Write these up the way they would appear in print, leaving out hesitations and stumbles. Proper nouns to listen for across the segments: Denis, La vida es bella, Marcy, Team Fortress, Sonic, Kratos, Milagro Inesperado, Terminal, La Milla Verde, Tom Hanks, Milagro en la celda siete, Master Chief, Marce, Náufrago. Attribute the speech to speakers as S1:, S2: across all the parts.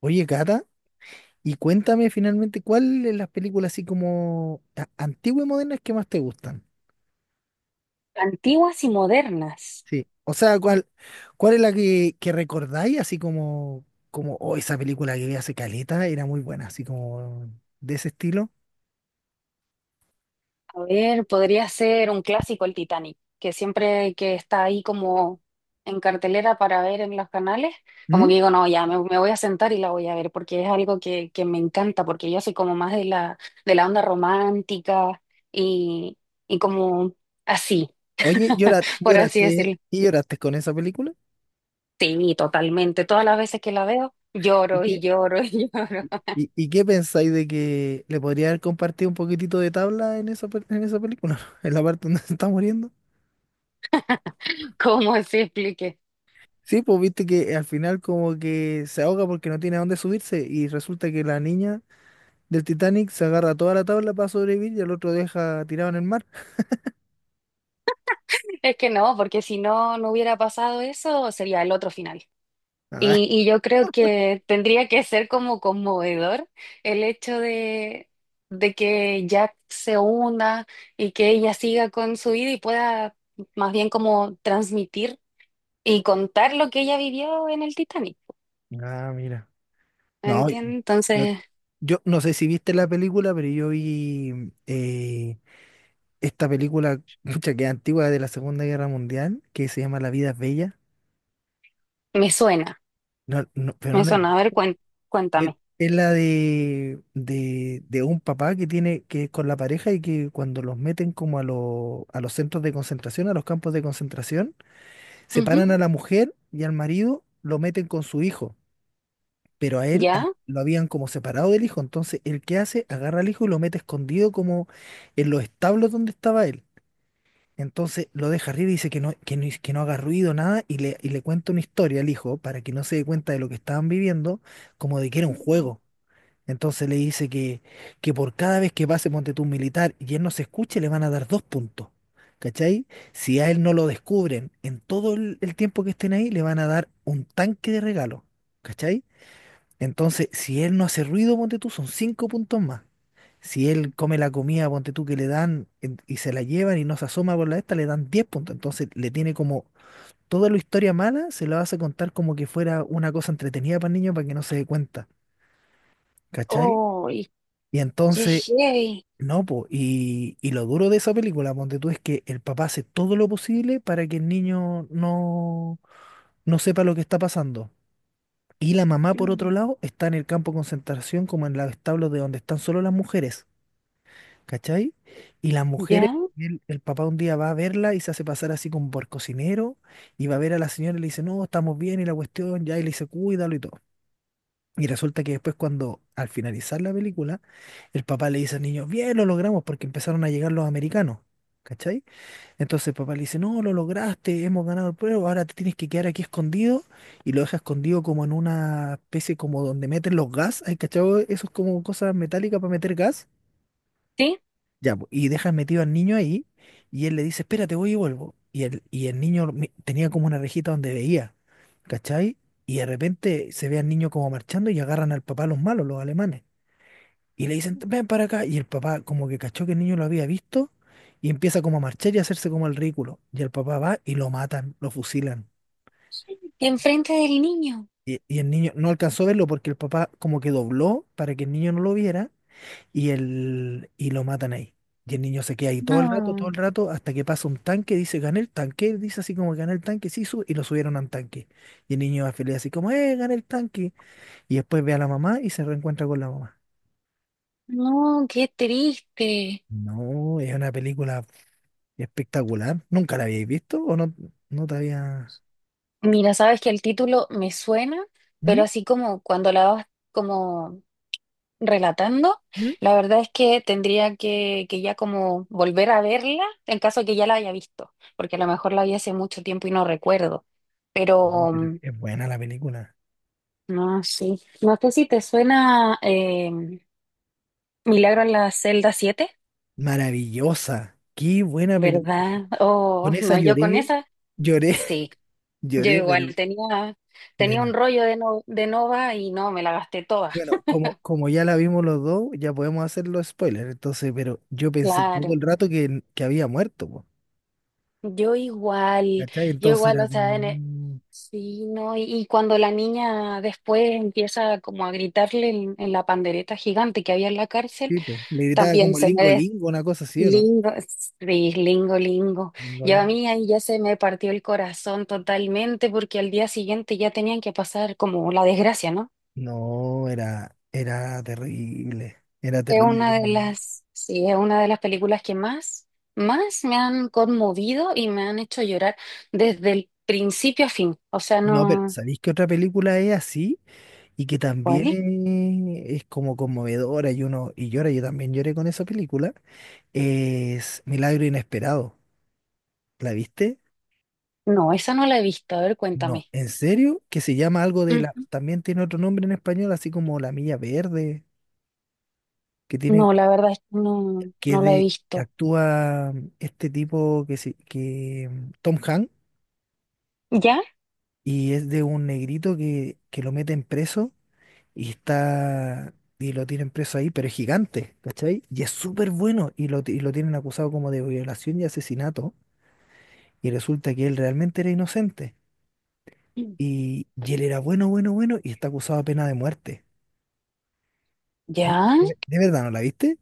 S1: Oye, Cata, y cuéntame finalmente cuál de las películas así como antiguas y modernas que más te gustan.
S2: Antiguas y modernas.
S1: Sí. O sea, cuál es la que recordáis así como, como, oh, esa película que vi hace caleta era muy buena, así como de ese estilo.
S2: A ver, podría ser un clásico el Titanic, que siempre que está ahí como en cartelera para ver en los canales, como
S1: ¿Mm?
S2: que digo, no, ya me voy a sentar y la voy a ver, porque es algo que me encanta, porque yo soy como más de la onda romántica y, y como así,
S1: Oye,
S2: por así
S1: lloraste,
S2: decirlo.
S1: y lloraste con esa película.
S2: Sí, totalmente. Todas las veces que la veo,
S1: ¿Y
S2: lloro y
S1: qué,
S2: lloro y lloro.
S1: y, y qué pensáis de que le podría haber compartido un poquitito de tabla en esa, en esa película? En la parte donde se está muriendo.
S2: ¿Cómo se explique?
S1: Sí, pues viste que al final como que se ahoga porque no tiene a dónde subirse y resulta que la niña del Titanic se agarra a toda la tabla para sobrevivir y el otro deja tirado en el mar.
S2: Es que no, porque si no, no hubiera pasado eso, sería el otro final.
S1: Ah,
S2: Y yo creo que tendría que ser como conmovedor el hecho de que Jack se una y que ella siga con su vida y pueda más bien como transmitir y contar lo que ella vivió en el Titanic.
S1: Ah, mira. No,
S2: ¿Entiendes?
S1: yo,
S2: Entonces,
S1: yo no sé si viste la película, pero yo vi esta película mucha que es antigua de la Segunda Guerra Mundial que se llama La vida es bella.
S2: me suena,
S1: No, no, pero no
S2: me
S1: la...
S2: suena. A ver,
S1: Es,
S2: cuéntame.
S1: es la de un papá que tiene, que es con la pareja y que cuando los meten como a, a los centros de concentración, a los campos de concentración,
S2: Ujú.
S1: separan a la mujer y al marido, lo meten con su hijo. Pero a él
S2: ¿Ya?
S1: lo habían como separado del hijo. Entonces, ¿el qué hace? Agarra al hijo y lo mete escondido como en los establos donde estaba él. Entonces lo deja arriba y dice que no, que no, que no haga ruido, nada, y y le cuenta una historia al hijo para que no se dé cuenta de lo que estaban viviendo, como de que era un juego. Entonces le dice que por cada vez que pase ponte tú un militar y él no se escuche, le van a dar dos puntos. ¿Cachai? Si a él no lo descubren en todo el tiempo que estén ahí, le van a dar un tanque de regalo. ¿Cachai? Entonces, si él no hace ruido, ponte tú, son cinco puntos más. Si él come la comida, ponte tú, que le dan y se la llevan y no se asoma por la esta, le dan 10 puntos. Entonces le tiene como toda la historia mala, se la hace contar como que fuera una cosa entretenida para el niño para que no se dé cuenta. ¿Cachai?
S2: Oh,
S1: Y
S2: qué
S1: entonces
S2: heavy.
S1: no, po, y lo duro de esa película, ponte tú, es que el papá hace todo lo posible para que el niño no sepa lo que está pasando. Y la mamá, por otro
S2: Mm.
S1: lado, está en el campo de concentración, como en los establos de donde están solo las mujeres, ¿cachai? Y las mujeres,
S2: ¿Ya?
S1: el papá un día va a verla y se hace pasar así como por cocinero, y va a ver a la señora y le dice, no, estamos bien, y la cuestión, ya, y le dice, cuídalo y todo. Y resulta que después cuando al finalizar la película, el papá le dice al niño, bien, lo logramos porque empezaron a llegar los americanos, ¿cachai? Entonces el papá le dice, no, lo lograste, hemos ganado el pueblo, ahora te tienes que quedar aquí escondido y lo deja escondido como en una especie como donde meten los gas, ¿hay cachado? Eso es como cosas metálicas para meter gas.
S2: ¿Sí?
S1: Ya, po, y dejan metido al niño ahí y él le dice, espérate, voy y vuelvo. Y y el niño tenía como una rejita donde veía, ¿cachai? Y de repente se ve al niño como marchando y agarran al papá los malos, los alemanes. Y le dicen, ven para acá. Y el papá como que cachó que el niño lo había visto y empieza como a marchar y a hacerse como el ridículo. Y el papá va y lo matan, lo fusilan.
S2: Enfrente del niño.
S1: Y el niño no alcanzó a verlo porque el papá como que dobló para que el niño no lo viera y, y lo matan ahí. Y el niño se queda ahí todo
S2: No,
S1: el rato, hasta que pasa un tanque, dice, gané el tanque, él dice así como gané el tanque, sí, y lo subieron a un tanque. Y el niño va feliz así como, gané el tanque. Y después ve a la mamá y se reencuentra con la mamá.
S2: no, qué triste.
S1: No, es una película espectacular. ¿Nunca la habéis visto o no, no te había...?
S2: Mira, sabes que el título me suena, pero
S1: ¿Mm?
S2: así como cuando la vas como relatando,
S1: ¿Mm?
S2: la verdad es que tendría que ya como volver a verla en caso de que ya la haya visto, porque a lo mejor la vi hace mucho tiempo y no recuerdo.
S1: Sí,
S2: Pero
S1: pero es buena la película.
S2: no, sí. No sé si te suena Milagro en la celda 7,
S1: Maravillosa. Qué buena película.
S2: ¿verdad? Oh,
S1: Con esa
S2: no, yo con
S1: lloré,
S2: esa,
S1: lloré,
S2: sí. Yo
S1: lloré, pero...
S2: igual tenía, tenía un
S1: Pero
S2: rollo de, no, de Nova y no, me la gasté toda.
S1: bueno, como, como ya la vimos los dos, ya podemos hacer los spoilers. Entonces, pero yo pensé todo el
S2: Claro.
S1: rato que había muerto, po,
S2: Yo igual,
S1: ¿cachai?
S2: yo
S1: Entonces
S2: igual,
S1: era
S2: o sea,
S1: como
S2: sí, ¿no? Y cuando la niña después empieza como a gritarle en la pandereta gigante que había en la cárcel,
S1: tipo, le gritaba
S2: también
S1: como
S2: se me
S1: Lingo
S2: des-
S1: Lingo, una cosa así, ¿o no?
S2: lingo, sí, lingo, lingo.
S1: Lingo
S2: Yo a
S1: Lingo.
S2: mí ahí ya se me partió el corazón totalmente porque al día siguiente ya tenían que pasar como la desgracia, ¿no?
S1: No, era terrible, era
S2: Es
S1: terrible.
S2: una
S1: Yo
S2: de
S1: no,
S2: las, sí, es una de las películas que más, más me han conmovido y me han hecho llorar desde el principio a fin. O sea,
S1: no, pero
S2: no.
S1: ¿sabéis que otra película es así y que
S2: ¿Cuál
S1: también
S2: es?
S1: es como conmovedora y uno y llora? Yo también lloré con esa película. Es Milagro Inesperado. ¿La viste?
S2: No, esa no la he visto. A ver,
S1: No,
S2: cuéntame.
S1: ¿en serio? Que se llama algo de la...
S2: Ujú.
S1: También tiene otro nombre en español, así como La Milla Verde, que tiene,
S2: No, la verdad es que no,
S1: que es
S2: no la he
S1: de...
S2: visto.
S1: Actúa este tipo que Tom Hanks
S2: ¿Ya?
S1: y es de un negrito que lo meten preso y está y lo tienen preso ahí, pero es gigante, ¿cachai? Y es súper bueno y y lo tienen acusado como de violación y asesinato y resulta que él realmente era inocente
S2: Mm.
S1: y él era bueno, bueno, bueno y está acusado de pena de muerte. ¿No?
S2: ¿Ya?
S1: ¿De, de verdad no la viste?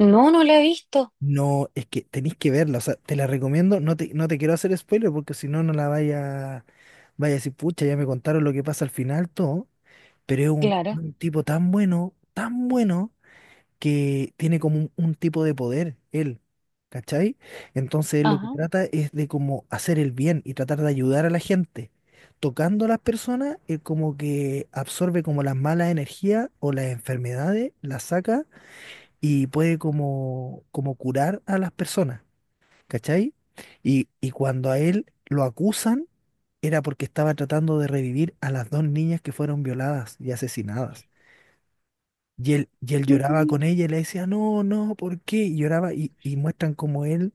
S2: No, no la he visto.
S1: No, es que tenéis que verla, o sea, te la recomiendo, no te quiero hacer spoiler porque si no, no la vaya a decir, pucha, ya me contaron lo que pasa al final, todo, pero es
S2: Claro.
S1: un tipo tan bueno, que tiene como un tipo de poder, él, ¿cachai? Entonces él lo que
S2: Ajá.
S1: trata es de como hacer el bien y tratar de ayudar a la gente. Tocando a las personas, él como que absorbe como las malas energías o las enfermedades, las saca y puede como, como curar a las personas, ¿cachai? Y cuando a él lo acusan era porque estaba tratando de revivir a las dos niñas que fueron violadas y asesinadas. Y él lloraba
S2: Mm,
S1: con ella y le decía, no, no, ¿por qué? Y lloraba y muestran cómo él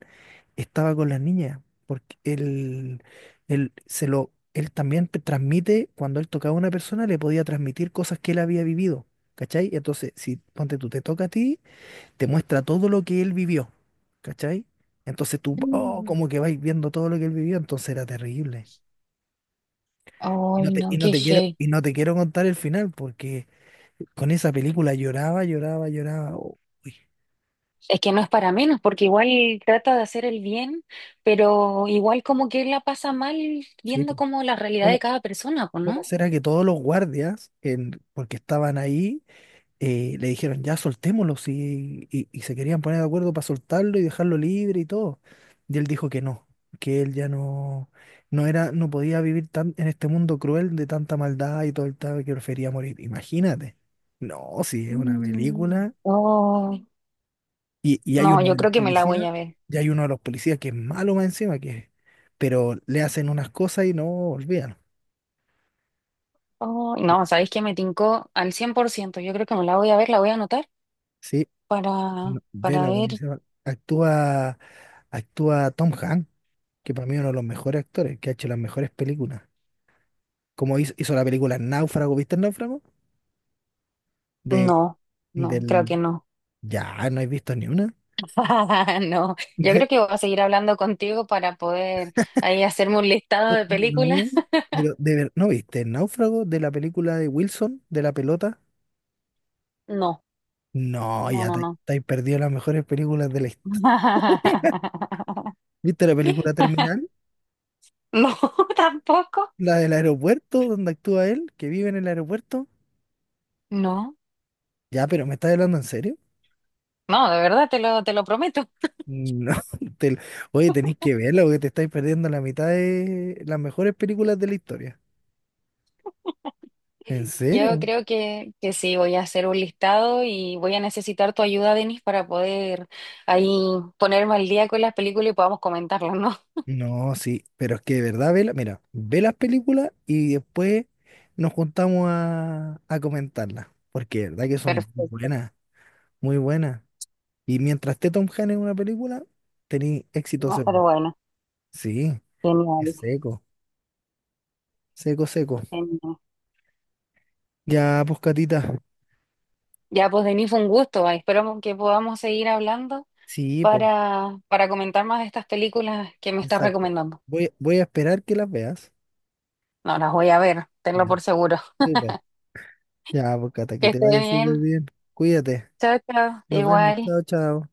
S1: estaba con las niñas, porque él se lo... Él también te transmite, cuando él tocaba a una persona, le podía transmitir cosas que él había vivido, ¿cachai? Entonces, si ponte tú te toca a ti, te muestra todo lo que él vivió, ¿cachai? Entonces tú, oh,
S2: mm.
S1: como que vais viendo todo lo que él vivió, entonces era terrible.
S2: Ay, no, qué heavy.
S1: Y no te quiero contar el final, porque con esa película lloraba, lloraba, lloraba. Oh, uy,
S2: Es que no es para menos, porque igual trata de hacer el bien, pero igual como que la pasa mal
S1: sí, po.
S2: viendo como la realidad de
S1: ¿Cómo,
S2: cada persona, pues,
S1: cómo
S2: ¿no?
S1: será que todos los guardias, en, porque estaban ahí, le dijeron, ya soltémoslo, sí, y se querían poner de acuerdo para soltarlo y dejarlo libre y todo. Y él dijo que no, que él ya no, no era, no podía vivir tan, en este mundo cruel de tanta maldad y todo el tal, que prefería morir. Imagínate. No, sí, es una
S2: Mm.
S1: película.
S2: Oh,
S1: Y hay
S2: no,
S1: uno
S2: yo
S1: de los
S2: creo que me la voy
S1: policías,
S2: a ver.
S1: y hay uno de los policías que es malo más encima, que, pero le hacen unas cosas y no olvidan.
S2: Oh,
S1: Sí,
S2: no, ¿sabéis que me tincó al 100%? Yo creo que me la voy a ver, la voy a anotar.
S1: sí,
S2: Para,
S1: no,
S2: para
S1: vela, porque
S2: ver,
S1: se actúa Tom Hanks, que para mí es uno de los mejores actores, que ha hecho las mejores películas. Como hizo la película Náufrago. ¿Viste el Náufrago? De,
S2: no, no, creo
S1: del...
S2: que no.
S1: Ya, no he visto ni una.
S2: No, yo creo que voy a seguir hablando contigo para poder ahí hacerme un listado
S1: De-
S2: de películas.
S1: no, pero de ¿no viste el Náufrago de la película de Wilson, de la pelota?
S2: No,
S1: No,
S2: no,
S1: ya
S2: no, no.
S1: te has perdido las mejores películas de la historia. ¿Viste la película Terminal?
S2: No, tampoco.
S1: La del aeropuerto, donde actúa él, que vive en el aeropuerto.
S2: No,
S1: Ya, pero ¿me estás hablando en serio?
S2: no, de verdad te lo prometo.
S1: No, te- oye, tenéis que verla porque te estáis perdiendo la mitad de las mejores películas de la historia. ¿En
S2: Yo
S1: serio?
S2: creo que sí, voy a hacer un listado y voy a necesitar tu ayuda, Denis, para poder ahí ponerme al día con las películas y podamos comentarlas, ¿no?
S1: No, sí, pero es que de verdad, vela, mira, ve las películas y después nos juntamos a comentarlas, porque de verdad que son muy
S2: Perfecto.
S1: buenas, muy buenas. Y mientras esté Tom Hanks en una película, tenéis éxito
S2: No,
S1: seguro.
S2: pero bueno,
S1: Sí, es
S2: genial,
S1: seco, seco, seco.
S2: genial.
S1: Ya, pues, Catita.
S2: Ya, pues Denis, fue un gusto. Ah, esperamos que podamos seguir hablando
S1: Sí, pues,
S2: para comentar más de estas películas que me estás
S1: exacto.
S2: recomendando.
S1: Voy a esperar que las veas.
S2: No las voy a ver, tenlo
S1: Ya.
S2: por seguro.
S1: Súper. Ya, pues Cata,
S2: Que
S1: que te
S2: esté
S1: vaya
S2: bien.
S1: súper bien. Cuídate.
S2: Chao, chao.
S1: Nos vemos.
S2: Igual.
S1: Chao, chao.